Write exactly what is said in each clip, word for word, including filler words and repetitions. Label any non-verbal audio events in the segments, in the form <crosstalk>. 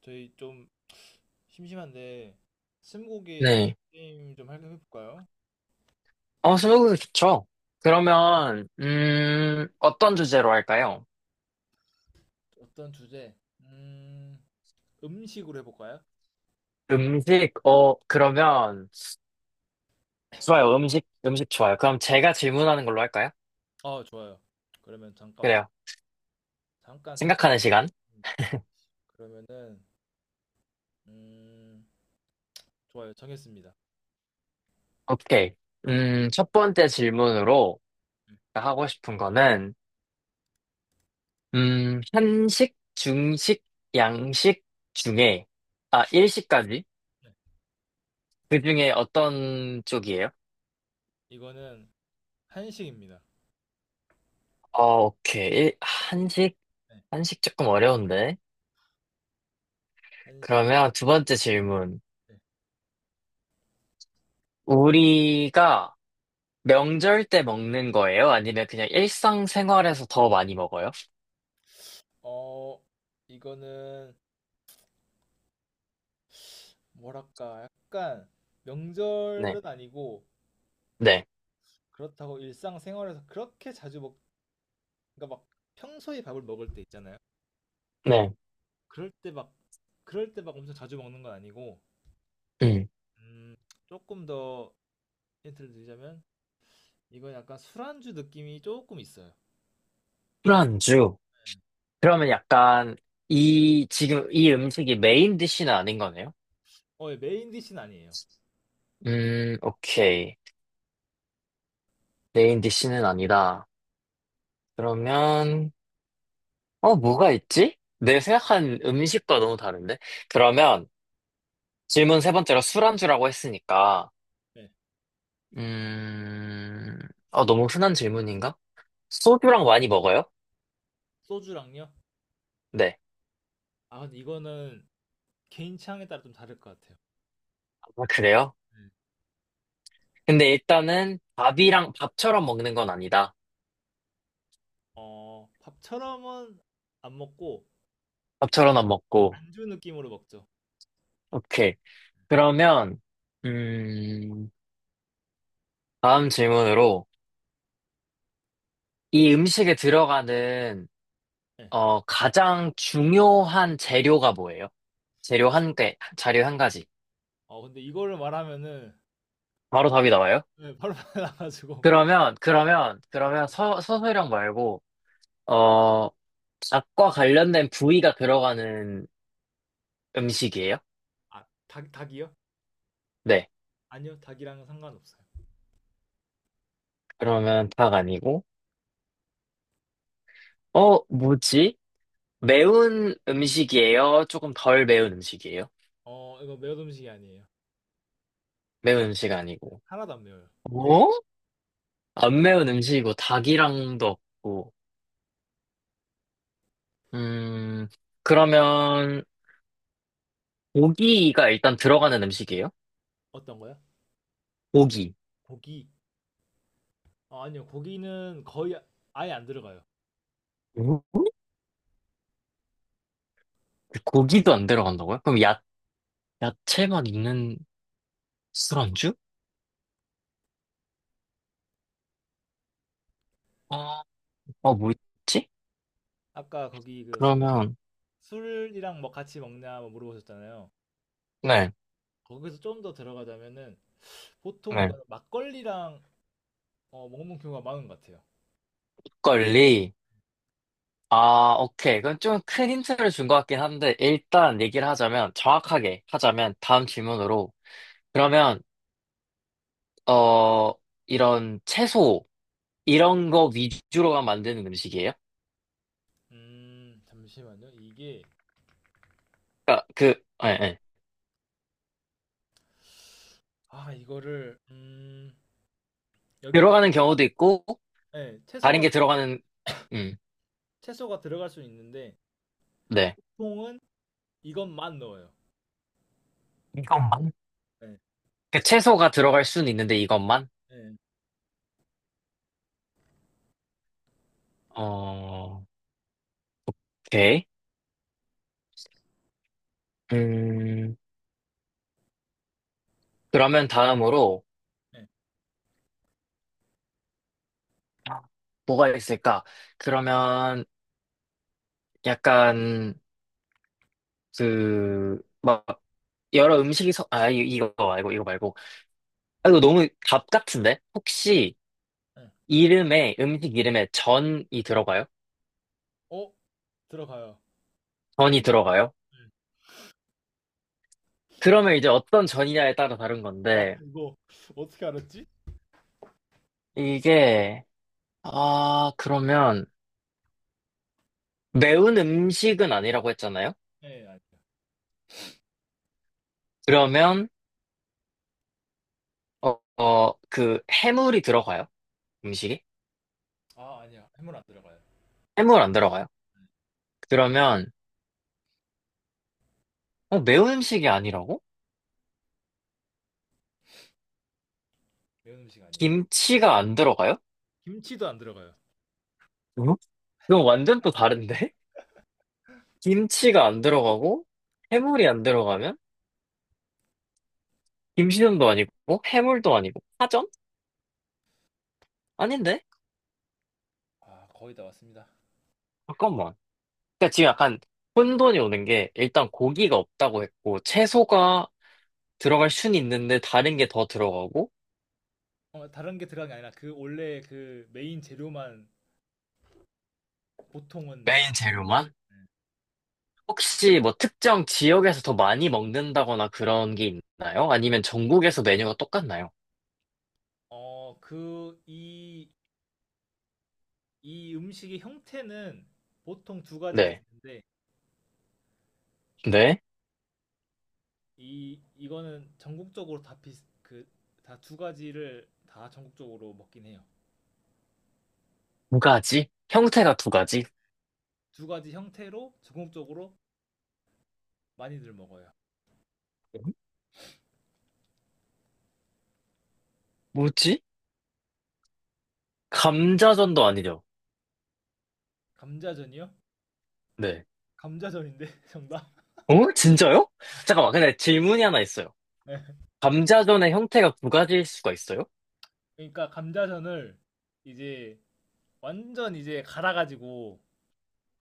저희 좀 심심한데 스무고개 네. 게임 좀 할까 해볼까요? 어, 스무고개 좋죠. 그러면, 음, 어떤 주제로 할까요? 어떤 주제? 음, 음식으로 해볼까요? 음식, 어, 그러면, 좋아요. 음식, 음식 좋아요. 그럼 제가 질문하는 걸로 할까요? 아, 좋아요. 그러면 잠깐만 그래요. 잠깐 생각. 생각하는 시간. 그러면은 음, 좋아요. 정했습니다. 오케이. 네, 음, 첫 번째 질문으로 네, 하고 싶은 거는, 음, 한식, 중식, 양식 중에, 아, 일식까지? 네. 그 중에 어떤 쪽이에요? 이거는 한식입니다. 어, 오케이. 일- 한식, 네, 한식 조금 어려운데. 한식. 그러면 두 번째 질문. 네. 우리가 명절 때 먹는 거예요? 아니면 그냥 일상생활에서 더 많이 먹어요? 어, 이거는 뭐랄까 약간 네. 명절은 아니고 네. 그렇다고 일상생활에서 그렇게 자주 먹 그러니까 막 평소에 밥을 먹을 때 있잖아요. 네. 그럴 때 막 그럴 때 막 엄청 자주 먹는 건 아니고. 음. 음, 조금 더 힌트를 드리자면 이건 약간 술안주 느낌이 조금 있어요. 술안주. 그러면 약간 이, 지금 이 음식이 메인 디쉬는 아닌 거네요? 어, 예, 메인 디시는 아니에요. 음, 오케이. 메인 디쉬는 아니다. 그러면, 어, 뭐가 있지? 내 생각한 음식과 너무 다른데? 그러면 질문 세 번째로 술안주라고 했으니까, 네. 음, 어 너무 흔한 질문인가? 소주랑 많이 먹어요? 소주랑요? 네. 아, 근데 이거는 개인 취향에 따라 좀 다를 것 같아요. 아, 그래요? 네. 근데 일단은 밥이랑 밥처럼 먹는 건 아니다. 어, 밥처럼은 안 먹고 밥처럼 안 먹고. 안주 느낌으로 먹죠. 오케이. 그러면, 음, 다음 질문으로 이 음식에 들어가는, 네. 어, 가장 중요한 재료가 뭐예요? 재료 한 개, 자료 한 가지. 어, 근데 이거를 말하면은 바로 답이 나와요? 네, 바로 <laughs> 나가지고 그러면, 그러면, 그러면 서, 서술령 말고, 어, 닭과 관련된 부위가 들어가는 음식이에요? 아, 닭 닭이요? 네. 아니요, 닭이랑은 상관없어요. 그러면 닭 아니고, 어, 뭐지? 매운 음식이에요? 조금 덜 매운 음식이에요? 어, 이거 매운 음식이 아니에요. 매운 음식 아니고. 하나도 안 매워요. 뭐? 안 매운 음식이고, 닭이랑도 없고. 음, 그러면, 고기가 일단 들어가는 음식이에요? 어떤 거요? 고기. 고기. 어, 아니요, 고기는 거의 아- 아예 안 들어가요. 어? 고기도 안 들어간다고요? 그럼 야, 야채만 있는 술안주? 어, 어, 뭐 있지? 아까 거기 그 술, 그러면, 술이랑 뭐 같이 먹냐 뭐 물어보셨잖아요. 네, 거기서 좀 더 들어가자면은 보통 네. 이거는 막걸리랑 어, 먹는 경우가 많은 것 같아요. 막걸리. 아, 오케이. 그건 좀 큰 힌트를 준 것 같긴 한데, 일단 얘기를 하자면, 정확하게 하자면, 다음 질문으로. 그러면, 어, 이런 채소, 이런 거 위주로만 만드는 음식이에요? 음, 잠시만요. 이게 그러니까 그, 예, 예. 아 이거를 음 여기에 들어가는 채소가 경우도 있고, 네, 다른 채소가 게 들어가는, 음, 채소가 들어갈 수 있는데 네. 보통은 이것만 넣어요. 이것만? 네, 그 채소가 들어갈 수는 있는데, 이것만? 네, 어, 오케이. 음, 그러면 다음으로, 네, 뭐가 있을까? 그러면, 약간, 그, 막, 여러 음식이 섞, 아, 이- 이거 말고, 이거 말고. 아, 이거 너무 답 같은데? 혹시 네. 이름에, 음식 이름에 전이 들어가요? 어? 들어가요. 전이 들어가요? 네. 그러면 이제 어떤 전이냐에 따라 다른 와 건데, 이거 <laughs> 어떻게 알았지? 이게, 아, 그러면, 매운 음식은 아니라고 했잖아요? 네, 아니요. 그러면, 어, 어, 그, 해물이 들어가요? 음식이? 아, 아니요. 해물 안 들어가요. 해물 안 들어가요? 그러면, 어, 매운 음식이 아니라고? 매운 음식 아니에요. 김치가 안 들어가요? 김치도 안 들어가요. 응? 그건 완전 또 다른데? 김치가 안 들어가고 해물이 안 들어가면 김치전도 아니고 해물도 아니고 파전? 아닌데? 아, 거의 다 왔습니다. 잠깐만. 그러니까 지금 약간 혼돈이 오는 게 일단 고기가 없다고 했고 채소가 들어갈 순 있는데 다른 게 더 들어가고 어, 다른 게 들어간 게 아니라 그 원래 그 메인 재료만 보통은. 메인 재료만? 네. 혹시 뭐 특정 지역에서 더 많이 먹는다거나 그런 게 있나요? 아니면 전국에서 메뉴가 똑같나요? 어, 그 이 이 음식의 형태는 보통 두 가지가 네. 있는데 근데 네. 이 이거는 전국적으로 다 비슷 그다 두 가지를 다 전국적으로 먹긴 해요. 두 가지? 네. 형태가 두 가지? 두 가지 형태로 전국적으로 많이들 먹어요. 뭐지? 감자전도 아니죠? 감자전이요? 네. 감자전인데 <laughs> 정답? 어? 진짜요? 잠깐만, 근데 질문이 하나 있어요. 네. 감자전의 형태가 두 가지일 수가 있어요? 그러니까 감자전을 이제 완전 이제 갈아가지고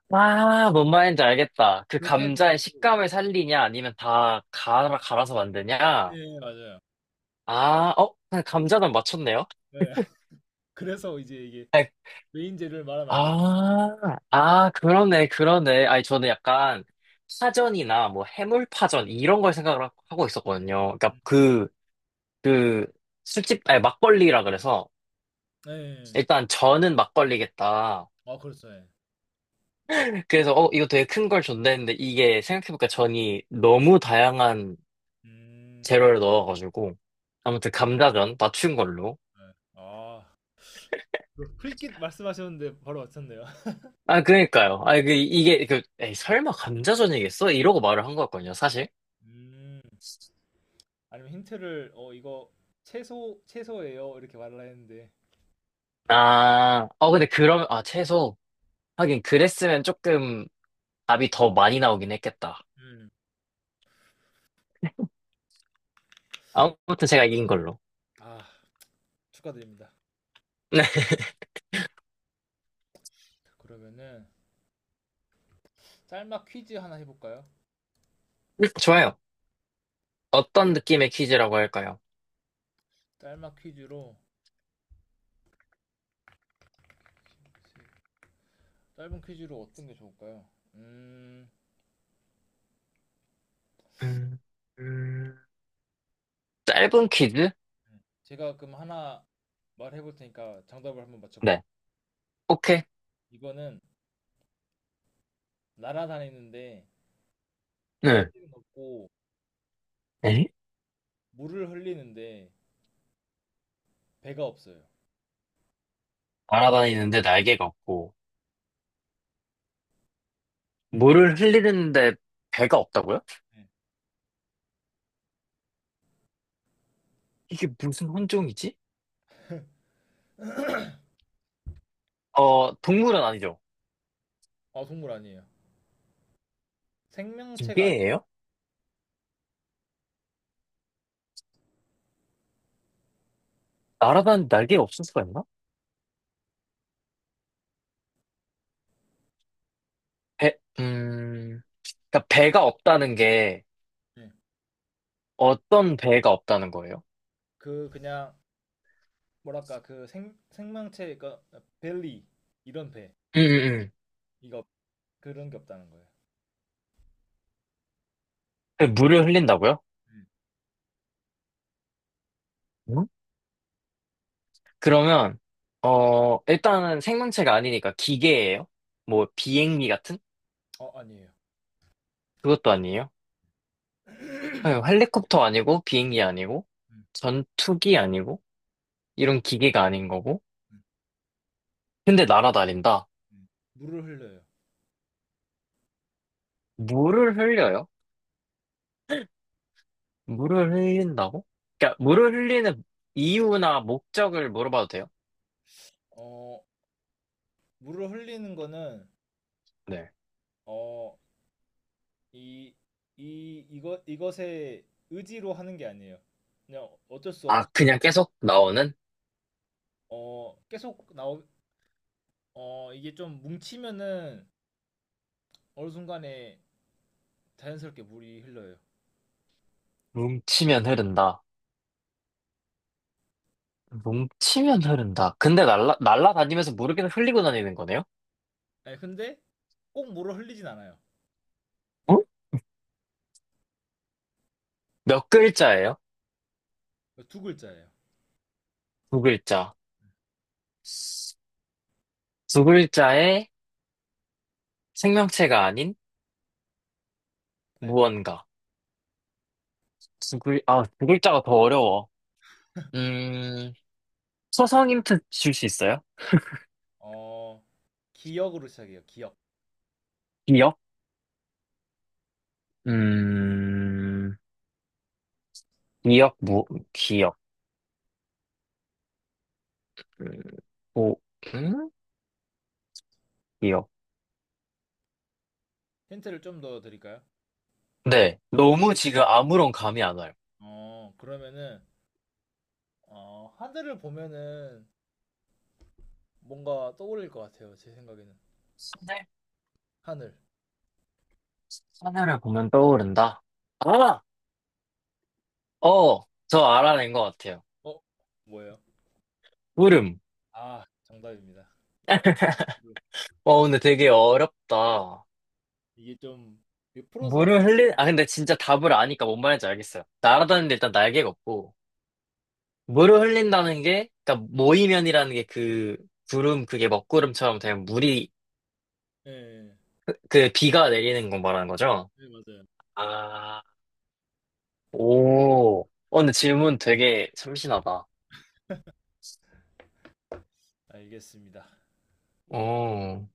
아, 뭔 말인지 알겠다. 그 그렇게 해도 감자의 되고. 식감을 살리냐, 아니면 다 갈아, 갈아서 네, 만드냐? 맞아요. 아, 어? 그냥 감자전 맞췄네요? 네. <laughs> 그래서 이제 이게 아이, 메인 재료를 말하면 안 돼. 아, 아, 그러네, 그러네. 아니, 저는 약간 파전이나 뭐 해물파전 이런 걸 생각을 하- 하고 있었거든요. 그러니까 음, 그, 그, 술집, 아니, 막걸리라 그래서 네. 일단 저는 막걸리겠다. 아, 그렇죠. 네. 그래서 어 이거 되게 큰 걸 줬네 했는데 이게 생각해보니까 전이 너무 다양한 음. 재료를 넣어가지고 아무튼 감자전 맞춘 걸로 네. 아. 그 풀깃 말씀하셨는데 바로 맞췄네요. <laughs> 아 그러니까요 아 그 이게 그 에이 설마 감자전이겠어? 이러고 말을 한 거였거든요 사실 음. 아니면 힌트를 어 이거 채소 채소예요. 이렇게 말을 했는데. 아 어 근데 그러면 아 채소 하긴 그랬으면 조금 답이 더 많이 나오긴 했겠다 음. 아무튼 제가 이긴 걸로 아, 축하드립니다. <laughs> 그러면은 짤막 퀴즈 하나 해 볼까요? 네 좋아요 어떤 느낌의 퀴즈라고 할까요? 짤막 퀴즈로 짧은 퀴즈로 어떤 게 좋을까요? 음, 음, 음, 짧은 퀴즈? 음. 제가 그럼 하나 말해볼 테니까 정답을 한번 맞춰보세요. 네 오케이 이거는 날아다니는데 네. 날개는 없고 에? 물을 흘리는데 배가 없어요. 날아다니는데 날개가 없고, 물을 흘리는데 배가 없다고요? 네. 이게 무슨 혼종이지? 어, 동물은 아니죠. 아, 동물 아니에요. 생명체가 아니에요. 기계예요? 날아다니는 날개가 없을 수가 있나? 배, 음, 그러니까 배가 없다는 게 네. 어떤 배가 없다는 거예요? 그 그냥 뭐랄까 그 생, 생명체 그러니까 벨리 이런 배 음, 음, 이거 그런 게 없다는 거예요. 음. 물을 흘린다고요? 음. 응? 그러면, 어, 일단은 생명체가 아니니까 기계예요? 뭐, 비행기 같은? 어, 아니에요. 그것도 아니에요? 아니, 헬리콥터 아니고, 비행기 아니고, 음, 전투기 아니고, 이런 기계가 아닌 거고. 음, 근데 날아다닌다. 음. 물을 흘려요. 물을 흘려요? 물을 흘린다고? 그러니까 물을 흘리는 이유나 목적을 물어봐도 돼요? 어, 물을 흘리는 거는 네. 어, 이, 이, 이것, 이것에 의지로 하는 게 아니에요. 그냥 어쩔 수 없, 아, 그냥 계속 나오는? 어, 계속 나오, 어, 이게 좀 뭉치면은 어느 순간에 자연스럽게 물이 흘러요. 뭉치면 흐른다. 뭉치면 흐른다. 근데 날라, 날아다니면서 물을 계속 흘리고 다니는 거네요? 네, 근데 꼭 물을 흘리진 않아요. 어? 몇 글자예요? 두 글자예요. 두 글자. 두 글자의 생명체가 아닌 네, 무언가. 두 글, 아, 두 글자가 더 어려워. 음, 초성 힌트 줄 수 있어요? 어, 기억으로 시작해요. 기억. 기억? 음, 기억, 무 기억, 음, 오, 음? 기억. 힌트를 좀 더 드릴까요? 네, 너무 지금 아무런 감이 안 와요. 어, 그러면은, 어, 하늘을 보면은 뭔가 떠올릴 것 같아요. 제 생각에는. 하늘? 하늘. 하늘을 보면 떠오른다. 아! 어, 저 알아낸 것 같아요. 어, 뭐예요? 물음. 아, 정답입니다. 어, 근데 되게 어렵다. 이게 좀 이게 풀어서 할 물을 까고 흘린, 아, 근데 진짜 답을 아니까 뭔 말인지 알겠어요. 예, 날아다니는데 일단 날개가 없고, 물을 흘린다는 게, 그러니까 모이면이라는 게 그, 구름, 그게 먹구름처럼 되면 물이, 예, 그 비가 내리는 거 말하는 거죠? 네, 맞아요. 아 오. 어, 근데 질문 되게 참신하다. 알겠습니다. 어,